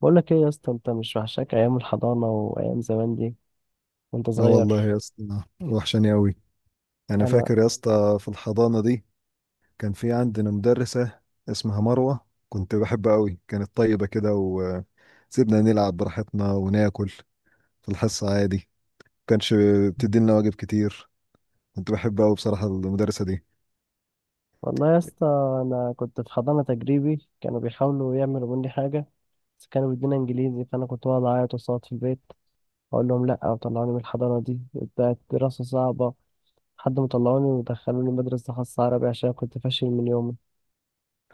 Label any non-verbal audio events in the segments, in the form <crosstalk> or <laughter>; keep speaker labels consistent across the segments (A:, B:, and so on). A: بقول لك ايه يا اسطى، انت مش وحشاك ايام الحضانه وايام زمان دي وانت
B: اه والله
A: صغير.
B: يا اسطى، وحشاني قوي. انا
A: انا
B: فاكر يا اسطى في الحضانه دي كان في عندنا مدرسه اسمها مروه، كنت بحبها قوي. كانت طيبه كده وسيبنا نلعب براحتنا وناكل في الحصه عادي، ما كانش بتدينا واجب كتير. كنت بحبها قوي بصراحه المدرسه دي.
A: والله يا اسطى، انا كنت في حضانه تجريبي كانوا بيحاولوا يعملوا مني حاجه، بس كانوا بيدونا انجليزي فانا كنت بقعد اعيط وصوت في البيت اقول لهم لا، وطلعوني من الحضانه دي بتاعت دراسه صعبه لحد ما طلعوني ودخلوني مدرسه خاصه عربي عشان كنت فاشل من يومي.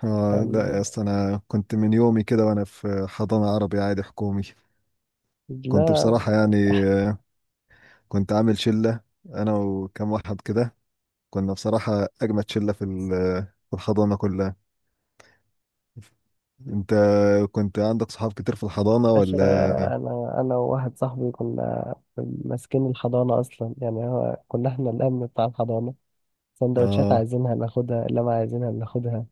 B: اه لا يا
A: كان
B: اسطى، انا كنت من يومي كده وانا في حضانه عربي عادي حكومي. كنت
A: لا،
B: بصراحه يعني، آه، كنت عامل شله انا وكم واحد كده. كنا بصراحه اجمد شله في الحضانه كلها. انت كنت عندك صحاب كتير في الحضانة
A: باشا،
B: ولا؟
A: انا وواحد صاحبي كنا ماسكين الحضانه اصلا، يعني هو كنا احنا الامن بتاع الحضانه، سندوتشات
B: اه.
A: عايزينها ناخدها، لما عايزينها بناخدها.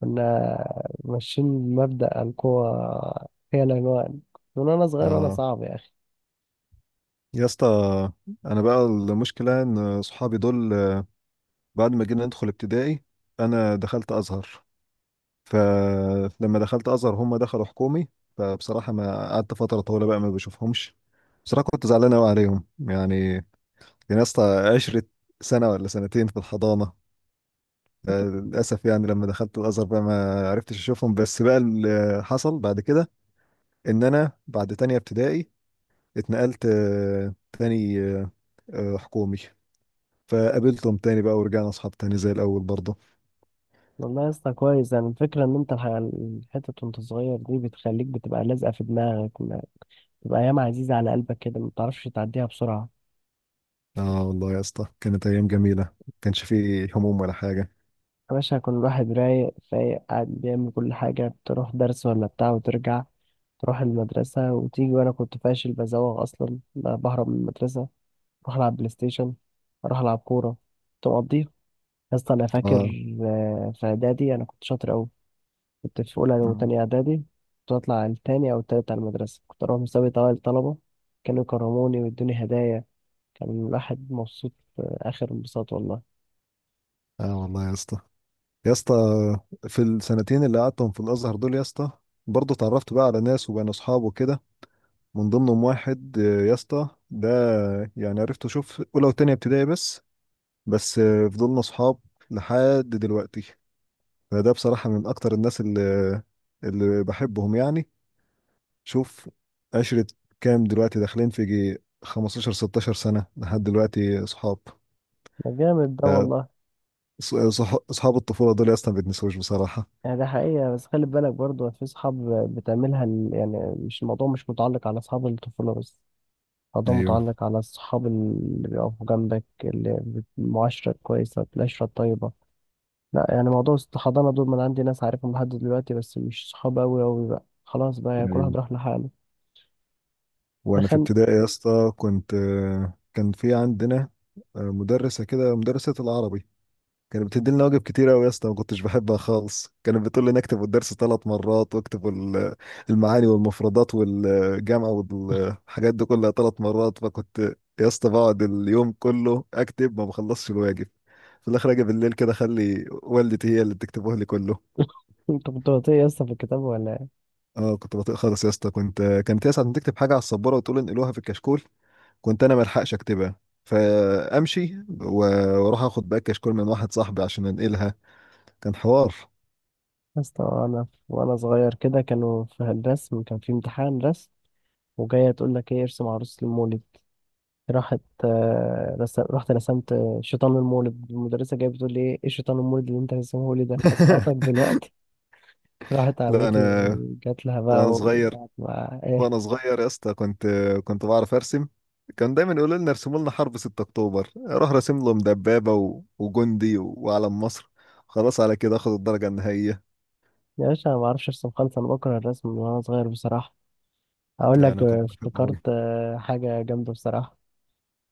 A: كنا ماشيين مبدأ القوة هي العنوان، من وأنا صغير وأنا
B: اه
A: صعب يا أخي.
B: يا اسطى، انا بقى المشكلة ان صحابي دول بعد ما جينا ندخل ابتدائي انا دخلت ازهر، فلما دخلت ازهر هم دخلوا حكومي. فبصراحة ما قعدت فترة طويلة بقى ما بشوفهمش. بصراحة كنت زعلان قوي عليهم يعني. كان يا اسطى 10 سنة ولا سنتين في الحضانة. للأسف يعني لما دخلت الأزهر بقى ما عرفتش أشوفهم. بس بقى اللي حصل بعد كده إن أنا بعد تانية ابتدائي اتنقلت تاني حكومي. فقابلتهم تاني بقى ورجعنا اصحاب تاني زي الاول برضه.
A: والله يا اسطى كويس، يعني الفكرة إن أنت الحتت وأنت صغير دي بتخليك بتبقى لازقة في دماغك، بتبقى أيام عزيزة على قلبك كده ما بتعرفش تعديها بسرعة.
B: اه والله يا اسطى، كانت ايام جميله، كانش فيه هموم ولا حاجه.
A: يا باشا كل واحد رايق فايق قاعد بيعمل كل حاجة، تروح درس ولا بتاع وترجع، تروح المدرسة وتيجي. وأنا كنت فاشل بزوغ، أصلا بهرب من المدرسة اروح العب بلاي ستيشن، اروح العب كوره تقضيها. يا اسطى انا فاكر،
B: اه.
A: في اعدادي انا كنت شاطر قوي، كنت في اولى
B: اه.
A: وتانية اعدادي، كنت اطلع التاني او التالت على المدرسه، كنت اروح مسابقه اوائل الطلبه، كانوا يكرموني ويدوني هدايا. كان الواحد مبسوط، اخر انبساط والله.
B: آه والله يا اسطى. يا اسطى في السنتين اللي قعدتهم في الازهر دول يا اسطى، برضه اتعرفت بقى على ناس وبقينا اصحاب وكده. من ضمنهم واحد، يا اسطى ده يعني عرفته شوف اولى وتانية ابتدائي بس، بس فضلنا اصحاب لحد دلوقتي. فده بصراحة من أكتر الناس اللي بحبهم يعني. شوف عشرة كام دلوقتي، داخلين في جي 15 16 سنة لحد دلوقتي صحاب.
A: ده جامد ده
B: آه،
A: والله.
B: صحاب الطفولة دول يا اسطى ما بيتنسوش بصراحة.
A: يعني ده حقيقة، بس خلي بالك برضه في صحاب يعني، مش الموضوع مش متعلق على أصحاب الطفولة بس، الموضوع
B: ايوه.
A: متعلق على الصحاب اللي بيقفوا جنبك، اللي المعاشرة الكويسة العشرة الطيبة. لا يعني موضوع الحضانة دول، ما أنا عندي ناس عارفهم لحد دلوقتي، بس مش صحاب أوي أوي بقى، خلاص بقى يعني كل واحد
B: ايوه.
A: راح لحاله. ده
B: وأنا في
A: خان.
B: ابتدائي يا اسطى كان في عندنا، مدرسة كده، مدرسة العربي. كانت بتديلنا واجب كتير قوي يا اسطى، ما كنتش بحبها خالص. كانت بتقول لي نكتب الدرس 3 مرات واكتب المعاني والمفردات والجامعه والحاجات دي كلها 3 مرات. فكنت يا اسطى بقعد اليوم كله اكتب، ما بخلصش الواجب. في الاخر اجي بالليل كده اخلي والدتي هي اللي تكتبه لي كله.
A: <laughs> أنت كنت بطيء <laughs> يا اسطى في الكتاب ولا إيه؟
B: اه كنت بطيء خالص يا اسطى، كانت هي ساعه ما تكتب حاجه على السبوره وتقول انقلوها في الكشكول كنت انا ما الحقش اكتبها فامشي واروح اخد بقى الكشكول من واحد صاحبي عشان انقلها. كان حوار.
A: يا اسطى أنا وأنا صغير كده كانوا في الرسم، كان في امتحان رسم وجاية تقول لك إيه ارسم عروس المولد. راحت آه، رسم رحت رسمت شيطان المولد، المدرسة جاية بتقول لي إيه، إيه شيطان المولد اللي أنت رسمه لي ده؟ هسقطك
B: <laughs>
A: دلوقتي. راحت
B: لا
A: عمتي
B: انا.
A: جات لها بقى
B: وانا صغير
A: وقعدت معاها إيه.
B: وانا صغير يا اسطى كنت بعرف ارسم. كان دايما يقولوا لنا ارسموا لنا حرب 6 اكتوبر، اروح راسم لهم دبابه و... وجندي و... وعلم مصر، خلاص على كده اخد الدرجه النهائيه.
A: يا باشا أنا ما أعرفش أرسم خالص، أنا بكره الرسم من وأنا صغير بصراحة. هقول
B: لا
A: لك
B: انا كنت بحبه
A: افتكرت
B: قوي.
A: حاجة جامدة بصراحة.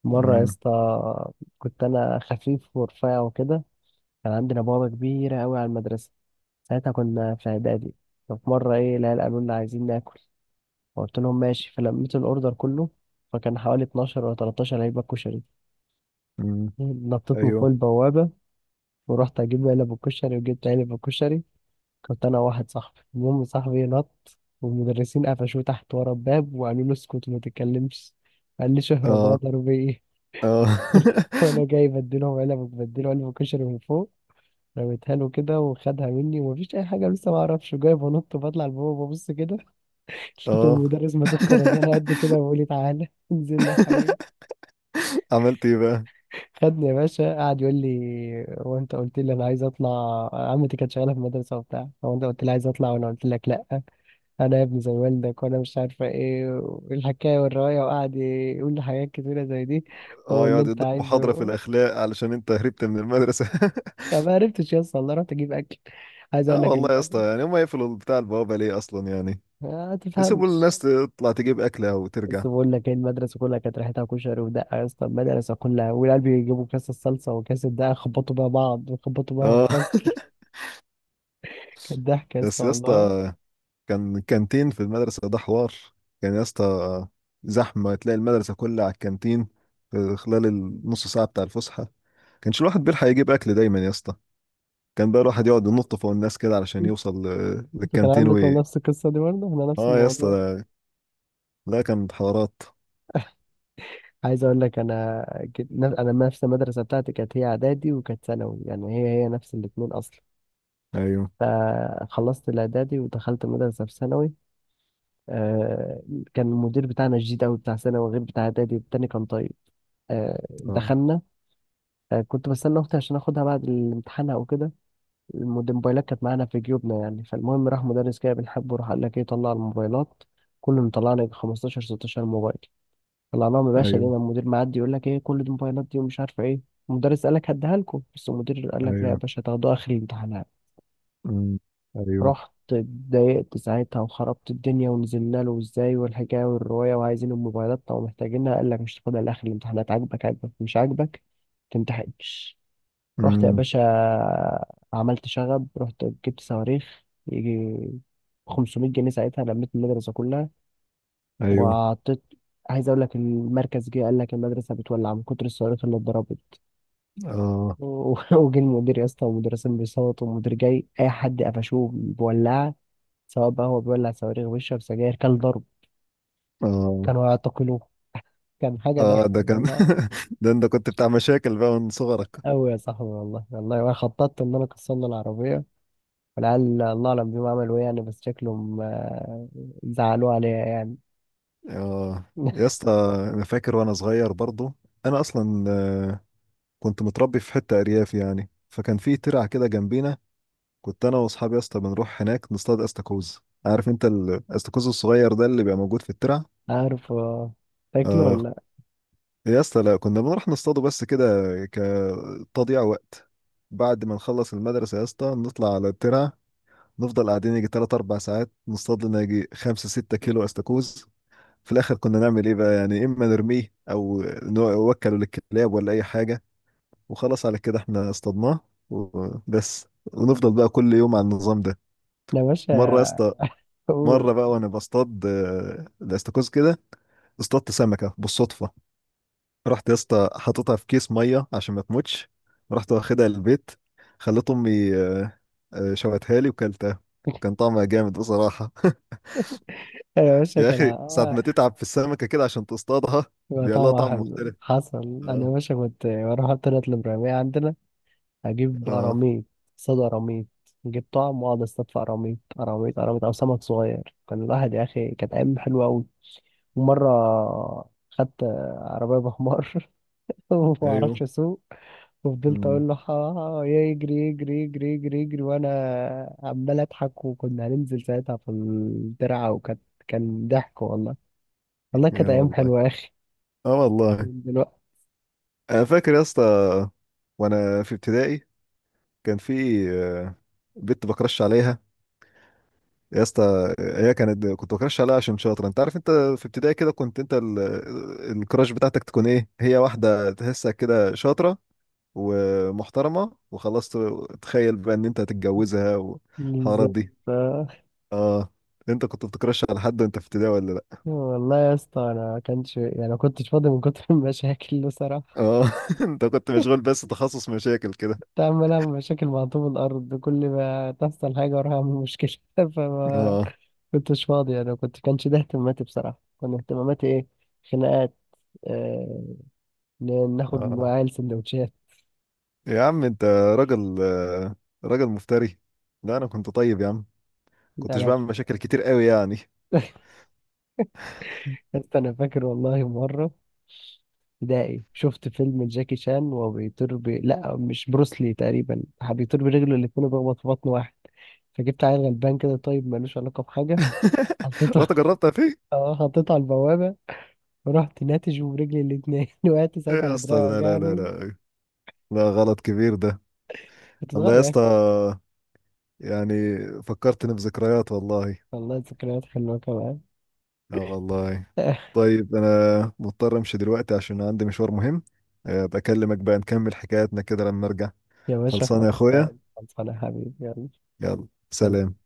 A: مرة يا
B: امم.
A: اسطى كنت أنا خفيف ورفيع وكده، كان عندنا بوابة كبيرة أوي على المدرسة، ساعتها كنا في إعدادي. ففي مرة إيه العيال قالوا لنا عايزين ناكل، فقلت لهم ماشي، فلميت الأوردر كله، فكان حوالي 12 ولا 13 علبة كشري.
B: امم.
A: نطيت من
B: ايوه.
A: فوق البوابة ورحت أجيب علب الكشري، وجبت علب الكشري، كنت انا واحد صاحبي. المهم صاحبي نط والمدرسين قفشوه تحت ورا الباب وقالوا له اسكت وما تتكلمش. قال لي شهرة
B: اه.
A: اضرب ايه.
B: اه.
A: <laughs> وانا جاي بديله علب كشري من فوق رميتها له كده وخدها مني، ومفيش اي حاجه، لسه ما اعرفش، جاي بنط وبطلع لبابا ببص كده <laughs>
B: <laughs>
A: لقيت
B: اه.
A: المدرس ماسك
B: <laughs>
A: خرزانه قد كده وبيقول لي تعالى <laughs> انزل لي يا حبيبي.
B: عملت ايه بقى؟
A: خدني يا باشا، قعد يقول لي هو انت قلت لي انا عايز اطلع؟ عمتي كانت شغاله في المدرسه وبتاع، هو انت قلت لي عايز اطلع وانا قلت لك لا، انا يا ابني زي والدك، وانا مش عارفه ايه والحكايه والروايه، وقعد يقول لي حاجات كتيره زي دي.
B: اه
A: واللي
B: يقعد
A: انت
B: يديك محاضره في
A: عايزه،
B: الاخلاق علشان انت هربت من المدرسه. <laughs>
A: يعني ما عرفتش يا اسطى والله، رحت اجيب اكل، عايز اقول
B: اه
A: لك
B: والله يا اسطى،
A: المدرسه
B: يعني هم يقفلوا بتاع البوابه ليه اصلا يعني؟
A: ما
B: يسيبوا الناس
A: تفهمش.
B: تطلع تجيب اكلها
A: بس
B: وترجع.
A: بقول لك ايه، المدرسه كلها كانت ريحتها كشري ودقه يا اسطى، المدرسه كلها، والعيال بيجيبوا كاس الصلصه وكاس الدقه يخبطوا بيها بعض ويخبطوا بيها في
B: اه. <laughs>
A: الفصل. كانت ضحك يا اسطى
B: بس يا
A: والله.
B: اسطى كان كانتين في المدرسة، ده حوار. كان يا اسطى زحمة، تلاقي المدرسة كلها على الكانتين في خلال النص ساعة بتاع الفسحة. كانش الواحد بيلحق يجيب أكل دايما يا اسطى. كان بقى الواحد يقعد ينط فوق الناس كده علشان يوصل
A: انتوا كان
B: للكانتين
A: عندكم نفس القصه دي برضه؟ احنا نفس
B: اه يا اسطى
A: الموضوع.
B: لا كانت حوارات.
A: عايز اقول لك، كنت- انا نفس المدرسه بتاعتي كانت هي اعدادي وكانت ثانوي، يعني هي هي نفس الاثنين اصلا.
B: ايوه.
A: فخلصت الاعدادي ودخلت مدرسه في ثانوي. آه، كان المدير بتاعنا شديد قوي بتاع ثانوي، غير بتاع اعدادي التاني كان طيب.
B: اه.
A: دخلنا. كنت بستنى اختي عشان اخدها بعد الامتحان او كده. الموبايلات كانت معانا في جيوبنا يعني، فالمهم راح مدرس كده بنحبه راح قال لك ايه طلع الموبايلات، كله مطلع لك 15 16 موبايل. طلعناهم يا باشا
B: ايوه.
A: لقينا المدير معدي يقول لك ايه كل دي موبايلات دي ومش عارفه ايه. المدرس قال لك هديها لكم، بس المدير قال لك لا يا
B: ايوه.
A: باشا هتاخدوها اخر الامتحانات.
B: امم. ايوه.
A: رحت اتضايقت ساعتها وخربت الدنيا ونزلنا له ازاي والحكايه والروايه وعايزين الموبايلات، طب محتاجينها، قال لك مش تاخدها لاخر الامتحانات، عاجبك عاجبك مش عاجبك متمتحنش. رحت يا
B: امم.
A: باشا عملت شغب، رحت جبت صواريخ يجي 500 جنيه ساعتها، لميت المدرسه كلها
B: ايوه.
A: وعطيت. عايز اقول لك المركز جه قال لك المدرسه بتولع من كتر الصواريخ اللي اتضربت.
B: اه.
A: <laughs> وجه المدير يا اسطى والمدرسين بيصوتوا، والمدير جاي اي حد قفشوه بولعه، سواء بقى هو بيولع صواريخ بيشرب سجاير كان ضرب
B: اه.
A: كانوا يعتقلوه. كان حاجه
B: اه
A: ضحك
B: ده كان
A: والله.
B: <laughs> ده انت كنت بتاع مشاكل بقى من صغرك.
A: قوي يا صاحبي والله والله، وانا خططت ان انا كسرنا العربيه، والعيال الله اعلم بيهم عملوا ايه يعني، بس شكلهم زعلوا عليا يعني.
B: اه يا
A: <laughs>
B: اسطى، انا فاكر وانا صغير برضو. انا اصلا كنت متربي في حته ارياف يعني. فكان في ترعه كده جنبينا. كنت انا واصحابي يا اسطى بنروح هناك نصطاد استاكوز. عارف انت الاستاكوز الصغير ده اللي بيبقى موجود في الترع.
A: عارف تاكلوا ولا
B: اه
A: لا؟
B: يا اسطى، لا كنا بنروح نصطاده بس كده، كتضييع وقت. بعد ما نخلص المدرسه يا اسطى نطلع على الترع، نفضل قاعدين يجي 3 4 ساعات نصطاد لنا يجي 5 6 كيلو استاكوز. في الاخر كنا نعمل ايه بقى يعني؟ اما نرميه او نوكله للكلاب ولا اي حاجه. وخلاص على كده احنا اصطادناه، وبس. ونفضل بقى كل يوم على النظام ده.
A: انا يا
B: مره يا
A: باشا
B: اسطى، مره
A: قول.
B: بقى وانا بصطاد الاستاكوز كده، اصطدت سمكه بالصدفه. رحت يا اسطى حاططها في كيس ميه عشان ما تموتش. رحت واخدها البيت، خلت امي شوتها لي وكلتها. كان طعمها جامد بصراحه. <laughs>
A: انا يا باشا
B: يا
A: كان
B: اخي ساعه ما تتعب في السمكه كده عشان تصطادها بيبقى لها
A: طعمها
B: طعم
A: حلو
B: مختلف.
A: حصل. انا يا
B: آه.
A: باشا كنت بروح طلعت الابراهيميه عندنا اجيب
B: اه.
A: قراميط، صيد قراميط، نجيب طعم واقعد اصطاد في قراميط قراميط قراميط او سمك صغير. كان الواحد يا اخي كانت ايام حلوه قوي. ومره خدت عربيه بحمار <laughs> وما اعرفش
B: ايوه.
A: اسوق، وفضلت
B: امم.
A: اقول له يجري يجري يجري يجري يجري، وانا عمال اضحك، وكنا هننزل ساعتها في الترعه، وكانت كان ضحك والله، والله
B: يا
A: كانت ايام
B: والله.
A: حلوه يا اخي.
B: اه والله.
A: دلوقتي
B: انا فاكر يا اسطى وانا في ابتدائي كان في آه، بنت بكرش عليها. يا اسطى هي كانت كنت بكرش عليها عشان شاطره. انت عارف انت في ابتدائي كده كنت انت الكراش بتاعتك تكون ايه، هي واحده تحسها كده شاطره ومحترمه وخلاص تخيل بقى ان انت هتتجوزها والحوارات دي.
A: بالظبط.
B: اه. انت كنت بتكرش على حد وانت في ابتدائي ولا لا؟
A: والله يا اسطى انا ما كانش يعني، ما كنتش فاضي من كتر <laughs> المشاكل بصراحه.
B: اه. <laughs> انت كنت مشغول بس تخصص مشاكل كده.
A: كنت عمال اعمل مشاكل مع طوب الارض، كل ما تحصل حاجه اروح اعمل مشكله. <laughs> فما
B: اه.
A: كنتش فاضي، انا كانش ده اهتماماتي بصراحه، كان اهتماماتي ايه؟ خناقات. آه... ناخد من
B: اه
A: العيال سندوتشات.
B: يا عم انت راجل، راجل مفتري. لا انا كنت طيب يا عم، كنتش
A: انا،
B: بعمل مشاكل كتير قوي يعني.
A: بس انا فاكر والله مره ابتدائي شفت فيلم جاكي شان وهو بيطير لا مش بروسلي تقريبا، بيطير برجله الاتنين وبيخبط في بطن واحد، فجبت عيل غلبان كده طيب ملوش علاقه بحاجه
B: <laughs>
A: حطيته.
B: رحت جربتها فيه.
A: <laughs> اه حطيته على البوابه ورحت ناتج برجلي الاتنين <laughs> وقعت
B: ايه
A: ساعتها
B: يا
A: على
B: اسطى؟
A: دراعي
B: لا لا لا
A: وجعني.
B: لا، لا غلط كبير ده.
A: كنت
B: والله
A: صغير
B: يا
A: يعني.
B: اسطى، يعني فكرتني بذكريات، والله.
A: والله ذكريات حلوه كمان.
B: اه والله.
A: <laughs>
B: طيب انا مضطر امشي دلوقتي عشان عندي مشوار مهم. بكلمك بقى نكمل حكاياتنا كده لما ارجع.
A: يا باشا
B: خلصانه يا اخويا،
A: خلصان خلصان يا حبيبي، يلا
B: يلا سلام.
A: سلام.